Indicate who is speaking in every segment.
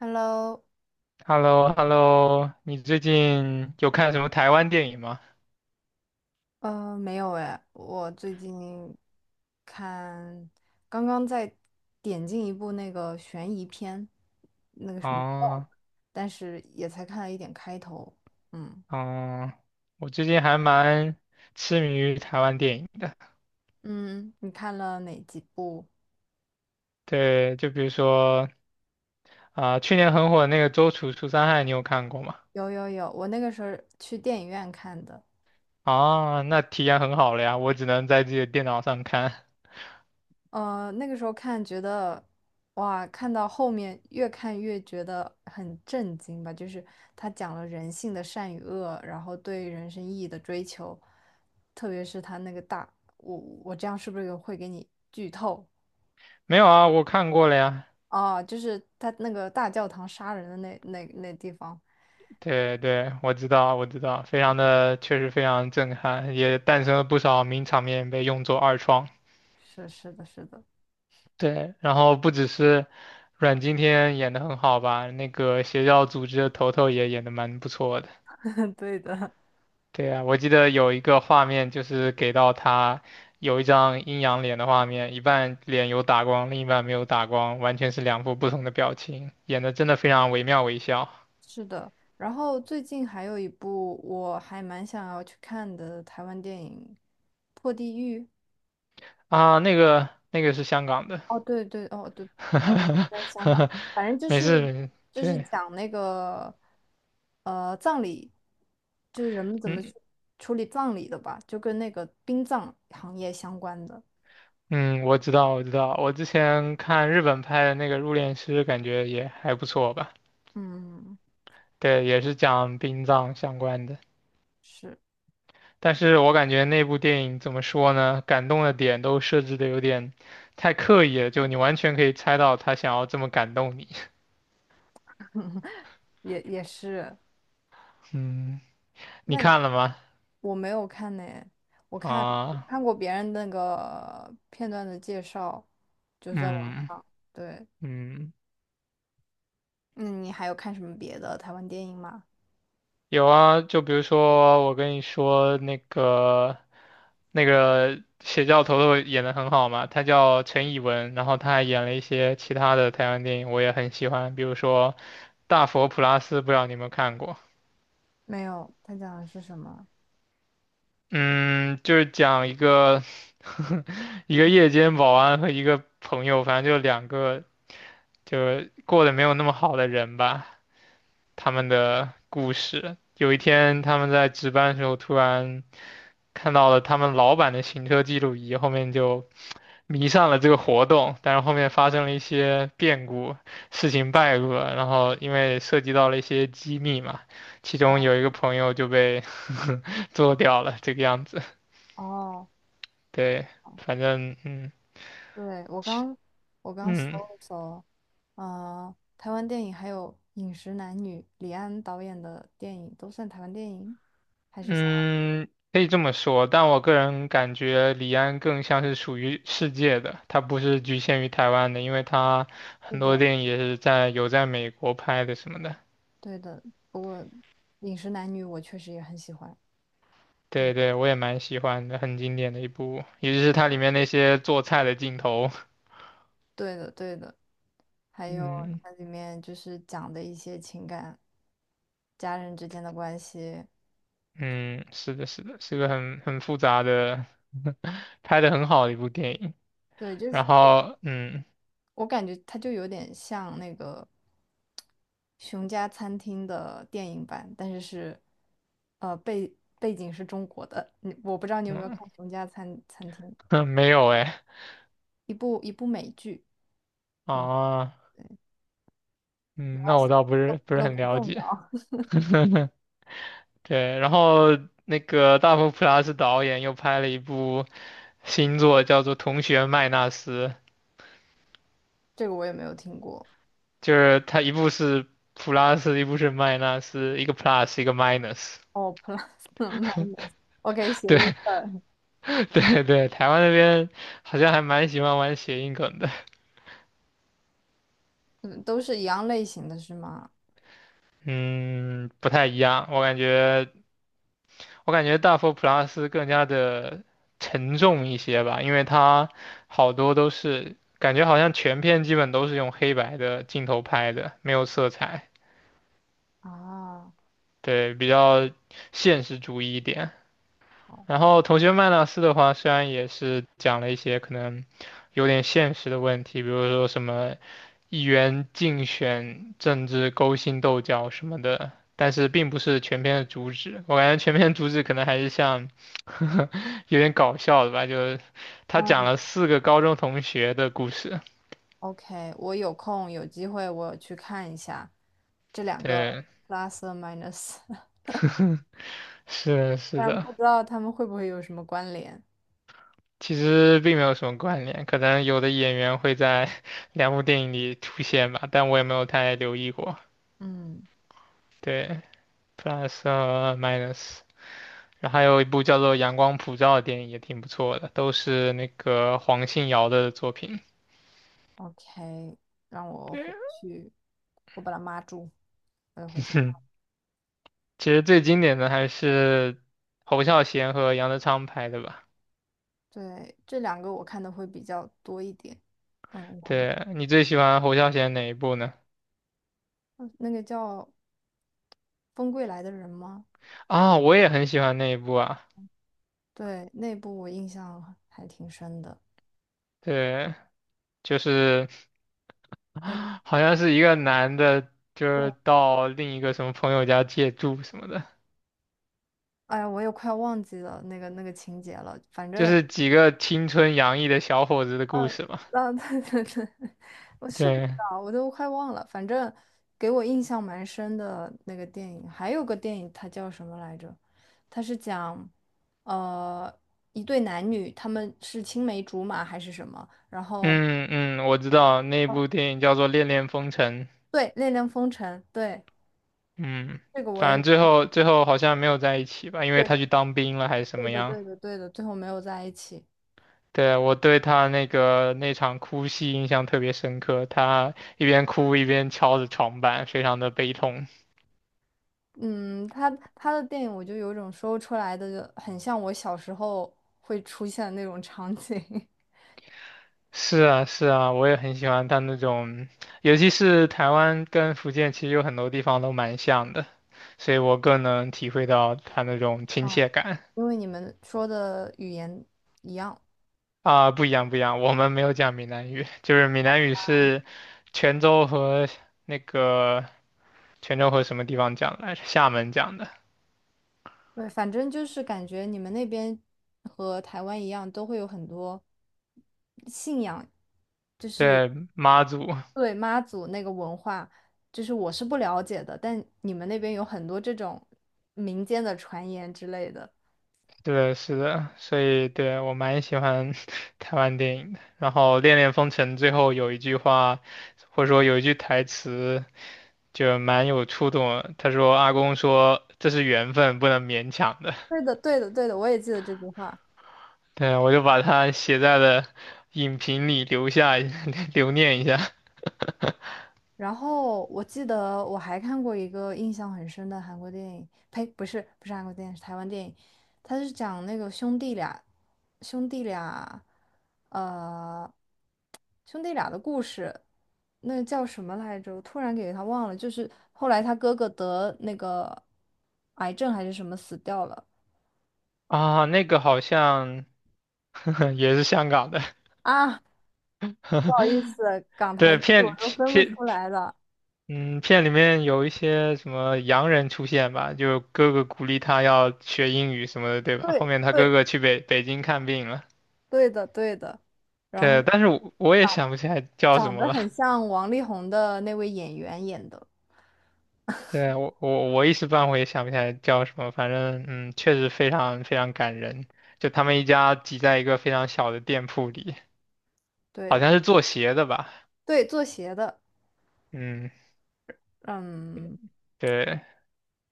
Speaker 1: Hello，
Speaker 2: h e l l o h e l l o 你最近有看什么台湾电影吗？
Speaker 1: 没有哎，我最近看，刚刚在点进一部那个悬疑片，那个什么，
Speaker 2: 哦，
Speaker 1: 但是也才看了一点开头。嗯
Speaker 2: 哦，我最近还蛮痴迷于台湾电影的。
Speaker 1: 嗯，你看了哪几部？
Speaker 2: 对，就比如说啊、去年很火的那个《周处除三害》，你有看过吗？
Speaker 1: 有有有，我那个时候去电影院看的。
Speaker 2: 啊，那体验很好了呀，我只能在自己的电脑上看。
Speaker 1: 那个时候看觉得，哇，看到后面越看越觉得很震惊吧，就是他讲了人性的善与恶，然后对人生意义的追求，特别是他那个大，我我这样是不是有会给你剧透
Speaker 2: 没有啊，我看过了呀。
Speaker 1: 啊？就是他那个大教堂杀人的那地方，
Speaker 2: 对对，我知道，我知道，非常的，确实非常震撼，也诞生了不少名场面被用作二创。
Speaker 1: 是的，是的，
Speaker 2: 对，然后不只是阮经天演的很好吧，那个邪教组织的头头也演的蛮不错的。
Speaker 1: 对的，
Speaker 2: 对啊，我记得有一个画面就是给到他有一张阴阳脸的画面，一半脸有打光，另一半没有打光，完全是两副不同的表情，演的真的非常惟妙惟肖
Speaker 1: 是的。然后最近还有一部我还蛮想要去看的台湾电影《破地狱》。
Speaker 2: 啊。那个是香港的，
Speaker 1: 哦，对对，哦对，不好意思在香港，反正 就
Speaker 2: 没事，
Speaker 1: 是
Speaker 2: 没事，
Speaker 1: 就是
Speaker 2: 对，
Speaker 1: 讲那个葬礼，就是人们怎么去
Speaker 2: 嗯。
Speaker 1: 处理葬礼的吧，就跟那个殡葬行业相关的。
Speaker 2: 嗯，我知道，我知道，我之前看日本拍的那个《入殓师》，感觉也还不错吧。
Speaker 1: 嗯，
Speaker 2: 对，也是讲殡葬相关的。
Speaker 1: 是，
Speaker 2: 但是我感觉那部电影怎么说呢？感动的点都设置的有点太刻意了，就你完全可以猜到他想要这么感动你。
Speaker 1: 也是。
Speaker 2: 嗯，你
Speaker 1: 那你
Speaker 2: 看了吗？
Speaker 1: 我没有看呢，我看
Speaker 2: 啊，
Speaker 1: 看过别人那个片段的介绍，就是在网
Speaker 2: 嗯
Speaker 1: 上。对，
Speaker 2: 嗯，
Speaker 1: 那你还有看什么别的台湾电影吗？
Speaker 2: 有啊。就比如说我跟你说那个邪教头头演的很好嘛，他叫陈以文，然后他还演了一些其他的台湾电影，我也很喜欢，比如说《大佛普拉斯》，不知道你有没有看过。
Speaker 1: 没有，他讲的是什么？
Speaker 2: 嗯，就是讲一个夜间保安和一个朋友，反正就两个就是过得没有那么好的人吧，他们的故事。有一天，他们在值班的时候，突然看到了他们老板的行车记录仪，后面就迷上了这个活动。但是后面发生了一些变故，事情败露了，然后因为涉及到了一些机密嘛，其中有一个朋友就被 做掉了，这个样子。
Speaker 1: 哦。
Speaker 2: 对，反正嗯。
Speaker 1: 对，我刚搜
Speaker 2: 嗯
Speaker 1: 了搜，台湾电影还有《饮食男女》，李安导演的电影都算台湾电影，还是香港？
Speaker 2: 嗯，可以这么说，但我个人感觉李安更像是属于世界的，他不是局限于台湾的，因为他
Speaker 1: 是
Speaker 2: 很多
Speaker 1: 的，
Speaker 2: 电影也是在有在美国拍的什么的。
Speaker 1: 对的。不过《饮食男女》我确实也很喜欢。对，
Speaker 2: 对对，我也蛮喜欢的，很经典的一部，尤其是它里面那些做菜的镜头。
Speaker 1: 对的，对的。还有
Speaker 2: 嗯
Speaker 1: 它里面就是讲的一些情感、家人之间的关系，
Speaker 2: 嗯，是的，是的，是个很复杂的，拍的很好的一部电影。
Speaker 1: 对，就是。
Speaker 2: 然后嗯
Speaker 1: 我感觉它就有点像那个《熊家餐厅》的电影版，但是背景是中国的。我不知道你有没有看《熊家餐厅》，
Speaker 2: 嗯，没有哎
Speaker 1: 一部美剧，
Speaker 2: 啊，
Speaker 1: 对，
Speaker 2: 嗯，那我倒不
Speaker 1: 都
Speaker 2: 是不是
Speaker 1: 都
Speaker 2: 很
Speaker 1: 不
Speaker 2: 了
Speaker 1: 重
Speaker 2: 解。
Speaker 1: 要。
Speaker 2: 对，然后那个大佛普拉斯导演又拍了一部新作，叫做《同学麦纳斯》，
Speaker 1: 这个我也没有听过。
Speaker 2: 就是他一部是 plus,一部是 minus,一个 plus,一个 minus。
Speaker 1: 哦，plus minus，OK，谐
Speaker 2: 对
Speaker 1: 音梗，
Speaker 2: 对对，台湾那边好像还蛮喜欢玩谐音梗的。
Speaker 1: 嗯，都是一样类型的是吗？
Speaker 2: 嗯，不太一样，我感觉大佛普拉斯更加的沉重一些吧，因为它好多都是感觉好像全片基本都是用黑白的镜头拍的，没有色彩。
Speaker 1: 啊，
Speaker 2: 对，比较现实主义一点。
Speaker 1: 好，
Speaker 2: 然后同学麦纳斯的话，虽然也是讲了一些可能有点现实的问题，比如说什么议员竞选、政治勾心斗角什么的，但是并不是全篇的主旨。我感觉全篇主旨可能还是像 有点搞笑的吧，就是他讲
Speaker 1: 嗯
Speaker 2: 了四个高中同学的故事。
Speaker 1: OK，我有空有机会我去看一下这两个
Speaker 2: 对，
Speaker 1: plus or minus，
Speaker 2: 是的是
Speaker 1: 但
Speaker 2: 的。
Speaker 1: 不知道他们会不会有什么关联。
Speaker 2: 其实并没有什么关联，可能有的演员会在 两部电影里出现吧，但我也没有太留意过。
Speaker 1: 嗯
Speaker 2: 对，Plus 和 Minus,然后还有一部叫做《阳光普照》的电影也挺不错的，都是那个黄信尧的作品。
Speaker 1: ，OK，让我
Speaker 2: 对，
Speaker 1: 回去，我把它码住，我要回去看
Speaker 2: 其实最经典的还是侯孝贤和杨德昌拍的吧。
Speaker 1: 对，这两个我看的会比较多一点。嗯，旁边
Speaker 2: 对，你最喜欢侯孝贤哪一部呢？
Speaker 1: 嗯那个叫《风归来的人》吗？
Speaker 2: 啊，我也很喜欢那一部啊。
Speaker 1: 对，那部我印象还挺深的。
Speaker 2: 对，就是。
Speaker 1: 嗯，
Speaker 2: 好像是一个男的，就
Speaker 1: 对，
Speaker 2: 是到另一个什么朋友家借住什么的，
Speaker 1: 哎呀，我也快忘记了那个情节了。反
Speaker 2: 就
Speaker 1: 正
Speaker 2: 是几个青春洋溢的小伙子的故事吧。
Speaker 1: 啊，对 对对，我是不知
Speaker 2: 对，
Speaker 1: 道，我都快忘了。反正给我印象蛮深的那个电影，还有个电影，它叫什么来着？它是讲，呃，一对男女，他们是青梅竹马还是什么？然后，
Speaker 2: 嗯嗯，我知道那
Speaker 1: 哦
Speaker 2: 部电影叫做《恋恋风尘》，
Speaker 1: 对，《恋恋风尘》，对，
Speaker 2: 嗯，
Speaker 1: 这个我
Speaker 2: 反
Speaker 1: 也有，
Speaker 2: 正最后好像没有在一起吧，因为
Speaker 1: 对，
Speaker 2: 他去当兵了还是什
Speaker 1: 对
Speaker 2: 么
Speaker 1: 的，
Speaker 2: 样。
Speaker 1: 对的，对的，最后没有在一起。
Speaker 2: 对，我对他那个那场哭戏印象特别深刻，他一边哭一边敲着床板，非常的悲痛。
Speaker 1: 嗯，他的电影，我就有种说不出来的，很像我小时候会出现的那种场景。
Speaker 2: 是啊，是啊，我也很喜欢他那种，尤其是台湾跟福建，其实有很多地方都蛮像的，所以我更能体会到他那种亲
Speaker 1: 啊。
Speaker 2: 切感
Speaker 1: 因为你们说的语言一样，
Speaker 2: 啊，不一样，不一样，我们没有讲闽南语，就是闽南语是泉州和那个泉州和什么地方讲来着？厦门讲的，
Speaker 1: 对，反正就是感觉你们那边和台湾一样，都会有很多信仰，
Speaker 2: 对，妈祖，
Speaker 1: 对，妈祖那个文化，就是我是不了解的，但你们那边有很多这种民间的传言之类的。
Speaker 2: 对的是的，所以对我蛮喜欢 台湾电影的。然后《恋恋风尘》最后有一句话，或者说有一句台词。就蛮有触动的他说阿公说这是缘分，不能勉强的。
Speaker 1: 对的，对的，对的，我也记得这句话。
Speaker 2: 对啊，我就把它写在了影评里留下 留念一下
Speaker 1: 然后我记得我还看过一个印象很深的韩国电影，呸，不是不是韩国电影，是台湾电影，他是讲那个兄弟俩，呃，兄弟俩的故事，那个叫什么来着？我突然给他忘了，就是后来他哥哥得那个癌症还是什么死掉了
Speaker 2: 啊。那个好像 也是香港的，
Speaker 1: 啊，不好意思，港台
Speaker 2: 对，
Speaker 1: 剧我都分不
Speaker 2: 片
Speaker 1: 出来了。
Speaker 2: 嗯片里面有一些什么洋人出现吧，就哥哥鼓励他要学英语什么的，对吧？后
Speaker 1: 对
Speaker 2: 面他哥
Speaker 1: 对
Speaker 2: 哥去北京看病了。
Speaker 1: 对的对的，然
Speaker 2: 对，
Speaker 1: 后。
Speaker 2: 但是我也想不起来叫什
Speaker 1: 长
Speaker 2: 么
Speaker 1: 得
Speaker 2: 了。
Speaker 1: 很像王力宏的那位演员演的，
Speaker 2: 对，我一时半会也想不起来叫什么，反正确实非常非常感人。就他们一家挤在一个非常小的店铺里，好
Speaker 1: 对
Speaker 2: 像是做鞋的吧？
Speaker 1: 对，做鞋的，
Speaker 2: 嗯，
Speaker 1: 嗯，
Speaker 2: 对，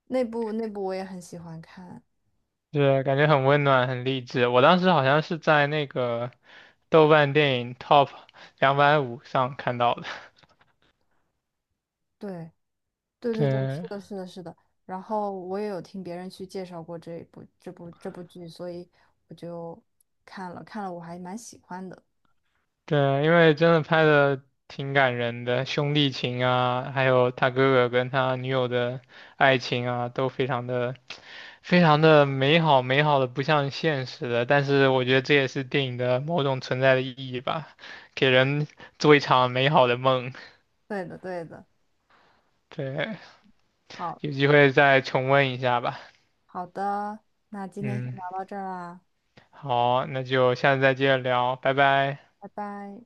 Speaker 1: 那部我也很喜欢看，
Speaker 2: 是感觉很温暖，很励志。我当时好像是在那个豆瓣电影 Top 250上看到的。
Speaker 1: 对对对对，是
Speaker 2: 对，
Speaker 1: 的，是的，是的。然后我也有听别人去介绍过这一部这部这部剧，所以我就看了，我还蛮喜欢的。
Speaker 2: 对，因为真的拍的挺感人的，兄弟情啊，还有他哥哥跟他女友的爱情啊，都非常的、非常的美好，美好的不像现实的。但是我觉得这也是电影的某种存在的意义吧，给人做一场美好的梦。
Speaker 1: 对的，对的，
Speaker 2: 对，
Speaker 1: 好
Speaker 2: 有机会再重温一下吧。
Speaker 1: 好的，那今天先
Speaker 2: 嗯，
Speaker 1: 聊到这儿啦，
Speaker 2: 好，那就下次再接着聊，拜拜。
Speaker 1: 拜拜。